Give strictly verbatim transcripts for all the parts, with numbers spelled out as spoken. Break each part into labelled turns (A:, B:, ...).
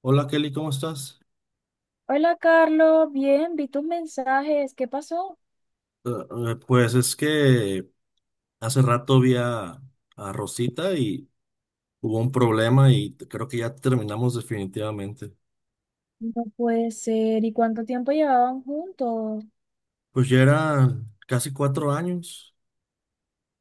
A: Hola Kelly, ¿cómo estás?
B: Hola Carlos, bien, vi tus mensajes, ¿qué pasó?
A: Eh, eh, pues es que hace rato vi a, a Rosita y hubo un problema y t- creo que ya terminamos definitivamente.
B: No puede ser, ¿y cuánto tiempo llevaban juntos?
A: Pues ya eran casi cuatro años.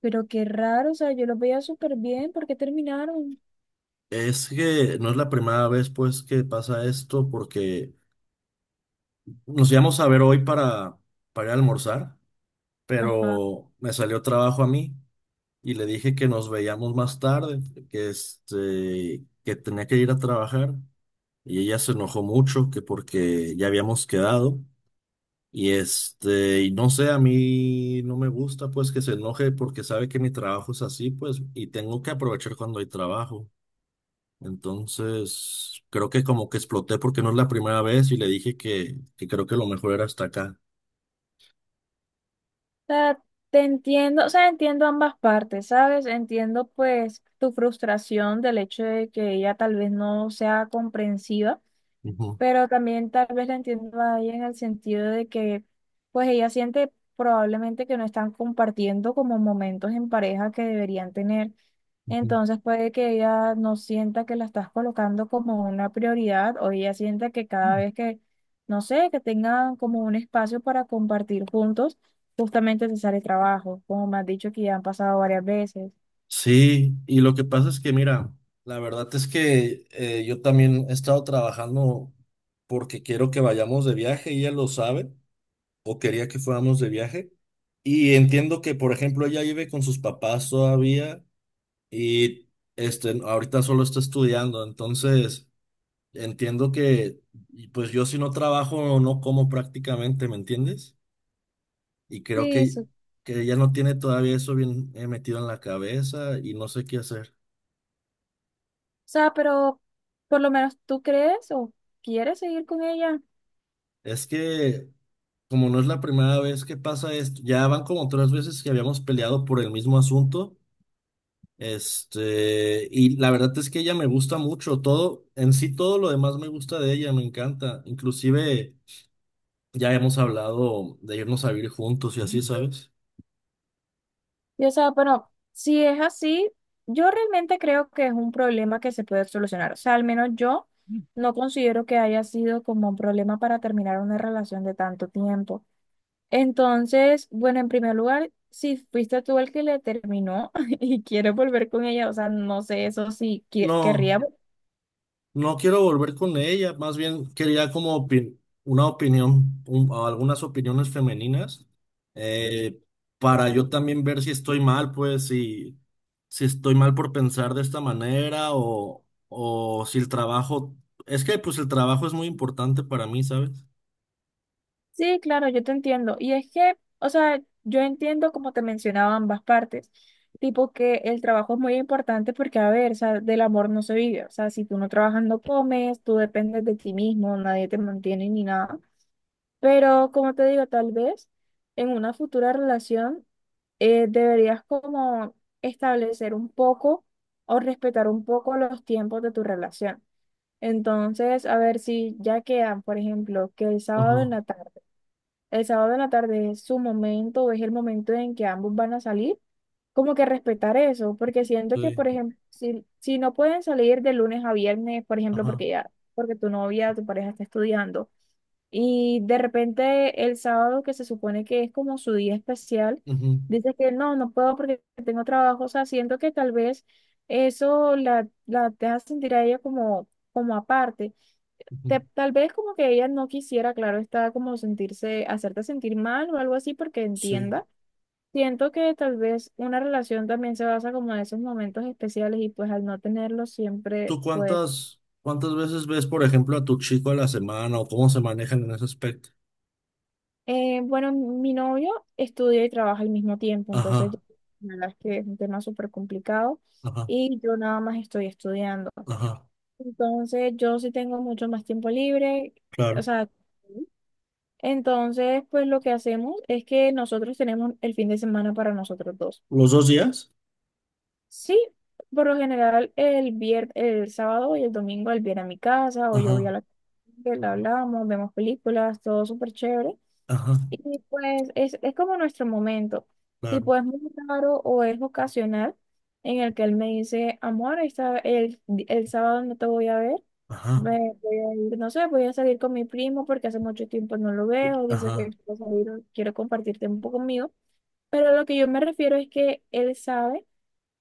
B: Pero qué raro, o sea, yo los veía súper bien, ¿por qué terminaron?
A: Es que no es la primera vez pues que pasa esto porque nos íbamos a ver hoy para, para ir a almorzar,
B: Ajá. O
A: pero me salió trabajo a mí y le dije que nos veíamos más tarde, que, este, que tenía que ir a trabajar. Y ella se enojó mucho que porque ya habíamos quedado y este, y no sé, a mí no me gusta pues que se enoje porque sabe que mi trabajo es así pues y tengo que aprovechar cuando hay trabajo. Entonces, creo que como que exploté porque no es la primera vez y le dije que, que creo que lo mejor era hasta acá.
B: sea, te entiendo, o sea, entiendo ambas partes, ¿sabes? Entiendo pues tu frustración del hecho de que ella tal vez no sea comprensiva.
A: Ujú,
B: Pero también tal vez la entiendo a ella en el sentido de que pues ella siente probablemente que no están compartiendo como momentos en pareja que deberían tener.
A: ujú.
B: Entonces puede que ella no sienta que la estás colocando como una prioridad o ella sienta que cada vez que, no sé, que tengan como un espacio para compartir juntos, justamente te sale trabajo, como me has dicho que ya han pasado varias veces.
A: Sí, y lo que pasa es que, mira, la verdad es que eh, yo también he estado trabajando porque quiero que vayamos de viaje, y ella lo sabe, o quería que fuéramos de viaje. Y entiendo que, por ejemplo, ella vive con sus papás todavía y este, ahorita solo está estudiando. Entonces, entiendo que, y pues yo si no trabajo, no como prácticamente, ¿me entiendes? Y creo
B: Sí,
A: que,
B: eso. O
A: que ella no tiene todavía eso bien, eh, metido en la cabeza y no sé qué hacer.
B: sea, pero por lo menos tú crees o quieres seguir con ella.
A: Es que, como no es la primera vez que pasa esto, ya van como tres veces que habíamos peleado por el mismo asunto. Este, y la verdad es que ella me gusta mucho, todo, en sí todo lo demás me gusta de ella, me encanta. Inclusive ya hemos hablado de irnos a vivir juntos y así, ¿sabes?
B: Y o sea, pero si es así, yo realmente creo que es un problema que se puede solucionar. O sea, al menos yo no considero que haya sido como un problema para terminar una relación de tanto tiempo. Entonces, bueno, en primer lugar, si fuiste tú el que le terminó y quiere volver con ella, o sea, no sé eso si qui-
A: No.
B: querría.
A: No quiero volver con ella, más bien quería como opi- una opinión, un- o algunas opiniones femeninas, eh, para yo también ver si estoy mal, pues si, si estoy mal por pensar de esta manera, o, o si el trabajo, es que pues el trabajo es muy importante para mí, ¿sabes?
B: Sí, claro, yo te entiendo. Y es que, o sea, yo entiendo como te mencionaba ambas partes, tipo que el trabajo es muy importante porque, a ver, o sea, del amor no se vive. O sea, si tú no trabajas no comes, tú dependes de ti mismo, nadie te mantiene ni nada. Pero, como te digo, tal vez en una futura relación eh, deberías como establecer un poco o respetar un poco los tiempos de tu relación. Entonces, a ver si ya quedan, por ejemplo, que el sábado en
A: Ajá,
B: la tarde. El sábado en la tarde es su momento, es el momento en que ambos van a salir. Como que respetar eso, porque siento que, por
A: sí,
B: ejemplo, si, si no pueden salir de lunes a viernes, por ejemplo,
A: ajá,
B: porque ya, porque tu novia, tu pareja está estudiando, y de repente el sábado, que se supone que es como su día especial,
A: ujú,
B: dices que no, no puedo porque tengo trabajo, o sea, siento que tal vez eso la, la deja sentir a ella como, como aparte
A: ujú,
B: te- tal vez como que ella no quisiera, claro, está como sentirse, hacerte sentir mal o algo así porque
A: sí.
B: entienda. Siento que tal vez una relación también se basa como en esos momentos especiales y pues al no tenerlos siempre,
A: ¿Tú
B: pues,
A: cuántas, cuántas veces ves, por ejemplo, a tu chico a la semana o cómo se manejan en ese aspecto?
B: eh, bueno, mi novio estudia y trabaja al mismo tiempo, entonces yo-
A: Ajá,
B: la verdad es que es un tema súper complicado
A: ajá,
B: y yo nada más estoy estudiando.
A: ajá.
B: Entonces yo sí tengo mucho más tiempo libre, o
A: Claro.
B: sea... Entonces, pues lo que hacemos es que nosotros tenemos el fin de semana para nosotros dos.
A: ¿Los dos días?
B: Sí, por lo general el vier- el sábado y el domingo él viene a mi casa o yo voy a
A: Ajá,
B: la que la hablamos, vemos películas, todo súper chévere.
A: ajá,
B: Y pues es, es como nuestro momento.
A: claro.
B: Tipo, es muy raro o es ocasional en el que él me dice, amor, esta- el, el sábado no te voy a ver.
A: Ajá,
B: Me voy a ir, no sé, voy a salir con mi primo porque hace mucho tiempo no lo veo. Dice que
A: ajá,
B: quiero salir, quiero compartir tiempo conmigo. Pero lo que yo me refiero es que él sabe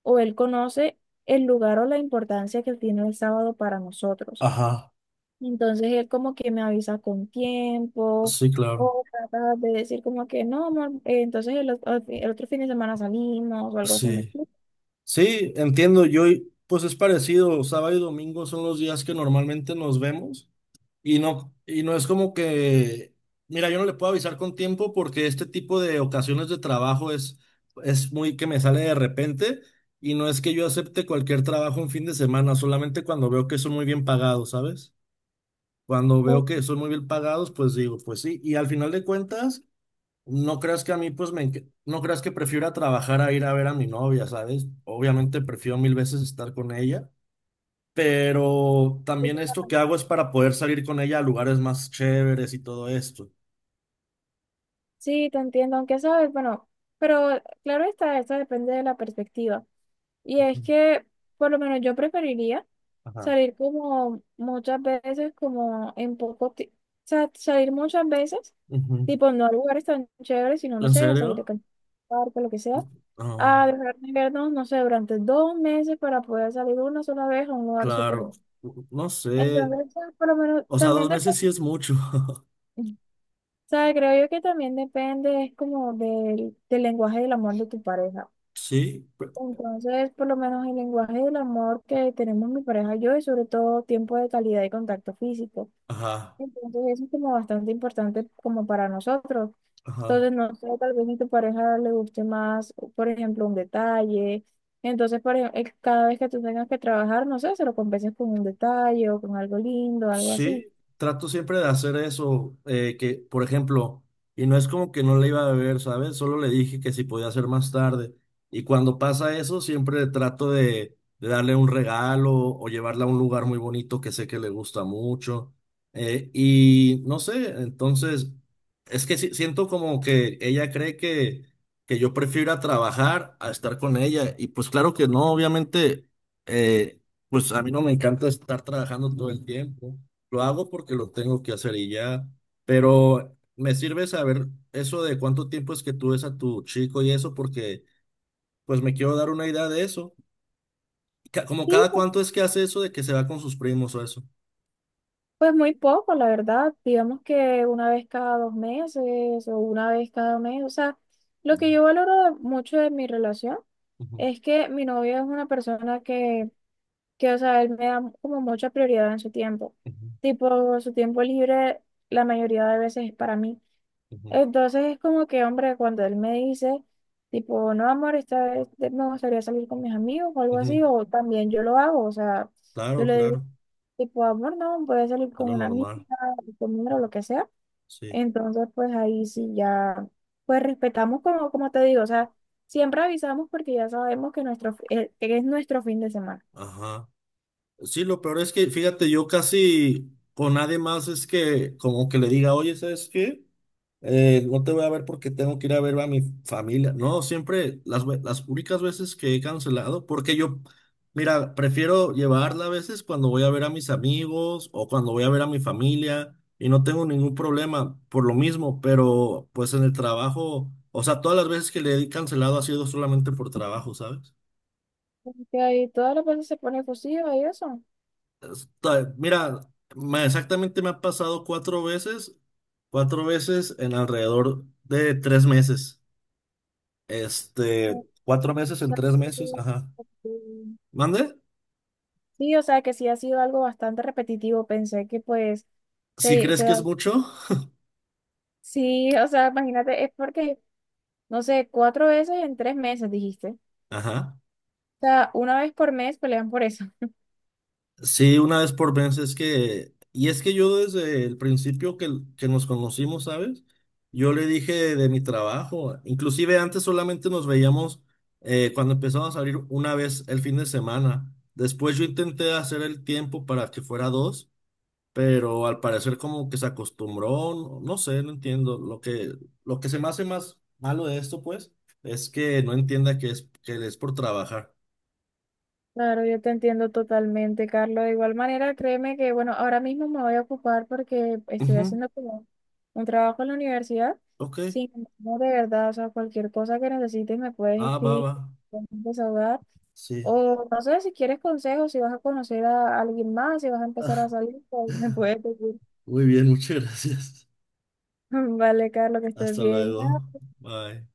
B: o él conoce el lugar o la importancia que tiene el sábado para nosotros.
A: ajá.
B: Entonces él como que me avisa con tiempo
A: Sí, claro.
B: o trata de decir como que no, amor, eh, entonces el, ot- el otro fin de semana salimos o algo así me
A: Sí.
B: explico.
A: Sí, entiendo. Yo, pues es parecido. Sábado y domingo son los días que normalmente nos vemos. Y no, y no es como que, mira, yo no le puedo avisar con tiempo porque este tipo de ocasiones de trabajo es, es muy que me sale de repente. Y no es que yo acepte cualquier trabajo en fin de semana, solamente cuando veo que son muy bien pagados, ¿sabes? Cuando veo que son muy bien pagados, pues digo, pues sí. Y al final de cuentas, no creas que a mí, pues me, enc- no creas que prefiera trabajar a ir a ver a mi novia, ¿sabes? Obviamente prefiero mil veces estar con ella, pero también esto que hago es para poder salir con ella a lugares más chéveres y todo esto.
B: Sí, te entiendo, aunque sabes, bueno, pero claro está, eso depende de la perspectiva. Y
A: Ujú.
B: es que, por lo menos yo preferiría
A: Ajá.
B: salir como muchas veces, como en poco tiempo, o sea, salir muchas veces,
A: Ujú.
B: tipo no a lugares tan chéveres, sino, no
A: ¿En
B: sé, a salir de
A: serio?
B: can- parque, lo que sea,
A: Ah,
B: a dejar de vernos, no sé, durante dos meses para poder salir una sola vez a un lugar súper.
A: claro. No sé.
B: Entonces, por lo menos
A: O sea,
B: también
A: dos meses
B: depende
A: sí es mucho.
B: sea, creo yo que también depende, es como del, del lenguaje del amor de tu pareja.
A: Sí. pe-
B: Entonces, por lo menos el lenguaje del amor que tenemos mi pareja y yo, es sobre todo tiempo de calidad y contacto físico.
A: Ajá.
B: Entonces, eso es como bastante importante como para nosotros.
A: Ajá.
B: Entonces, no sé, tal vez a tu pareja le guste más, por ejemplo, un detalle. Entonces, por ejemplo, cada vez que tú tengas que trabajar, no sé, se lo compenses con un detalle o con algo lindo, algo
A: Sí,
B: así.
A: trato siempre de hacer eso, eh, que, por ejemplo, y no es como que no le iba a beber, ¿sabes? Solo le dije que si podía hacer más tarde. Y cuando pasa eso, siempre trato de, de darle un regalo o llevarla a un lugar muy bonito que sé que le gusta mucho. Eh, y no sé, entonces, es que sí- siento como que ella cree que, que yo prefiero ir a trabajar a estar con ella. Y pues claro que no, obviamente, eh, pues a mí no me encanta estar trabajando todo el tiempo. Lo hago porque lo tengo que hacer y ya, pero me sirve saber eso de cuánto tiempo es que tú ves a tu chico y eso, porque pues me quiero dar una idea de eso. Ca- Como
B: Sí,
A: cada cuánto es que hace eso de que se va con sus primos o eso.
B: pues muy poco, la verdad. Digamos que una vez cada dos meses o una vez cada mes. O sea, lo que
A: Mm,
B: yo valoro de- mucho de mi relación
A: ujú,
B: es que mi novio es una persona que, que, o sea, él me da como mucha prioridad en su tiempo.
A: ujú,
B: Tipo, su tiempo libre la mayoría de veces es para mí.
A: ujú,
B: Entonces es como que, hombre, cuando él me dice, tipo, no, amor, esta vez me gustaría salir con mis amigos o algo así,
A: ujú.
B: o también yo lo hago. O sea, yo
A: Claro,
B: le digo
A: claro,
B: tipo amor, no, puede salir
A: es
B: con
A: lo
B: una amiga,
A: normal,
B: conmigo, lo que sea.
A: sí.
B: Entonces, pues ahí sí ya, pues respetamos como, como te digo, o sea, siempre avisamos porque ya sabemos que nuestro, fi- eh, que es nuestro fin de semana.
A: Ajá. Sí, lo peor es que, fíjate, yo casi con nadie más es que como que le diga, oye, ¿sabes qué? Eh, no te voy a ver porque tengo que ir a ver a mi familia. No, siempre las, ve- las únicas veces que he cancelado, porque yo, mira, prefiero llevarla a veces cuando voy a ver a mis amigos o cuando voy a ver a mi familia y no tengo ningún problema por lo mismo, pero pues en el trabajo, o sea, todas las veces que le he cancelado ha sido solamente por trabajo, ¿sabes?
B: Porque ahí todas las veces se pone efusiva y eso.
A: Ta- Mira, me- exactamente me ha pasado cuatro veces, cuatro veces en alrededor de tres meses.
B: O
A: Este, cuatro meses en
B: sea,
A: tres meses,
B: creo
A: ajá.
B: que- que-
A: ¿Mande?
B: sí, o sea que sí ha sido algo bastante repetitivo. Pensé que pues
A: Si
B: se,
A: crees
B: se
A: que es
B: da.
A: mucho,
B: Sí, o sea, imagínate, es porque, no sé, cuatro veces en tres meses, dijiste.
A: ajá.
B: O sea, una vez por mes pelean por eso.
A: Sí, una vez por mes es que, y es que yo desde el principio que, que, nos conocimos, ¿sabes? Yo le dije de mi trabajo, inclusive antes solamente nos veíamos, eh, cuando empezamos a salir una vez el fin de semana. Después yo intenté hacer el tiempo para que fuera dos, pero al parecer como que se acostumbró, no, no sé, no entiendo. Lo que, lo que se me hace más malo de esto, pues, es que no entienda que es, que es por trabajar.
B: Claro, yo te entiendo totalmente, Carlos. De igual manera, créeme que, bueno, ahora mismo me voy a ocupar porque estoy
A: Ujú,
B: haciendo como un trabajo en la universidad.
A: ok,
B: Sin embargo, de verdad, o sea, cualquier cosa que necesites me puedes
A: ah, va,
B: escribir,
A: va,
B: puedes desahogar.
A: sí.
B: O no sé si quieres consejos, si vas a conocer a alguien más, si vas a empezar a
A: Ah,
B: salir, pues, me puedes decir.
A: muy bien, muchas gracias.
B: Vale, Carlos, que estés
A: Hasta
B: bien.
A: luego. Bye.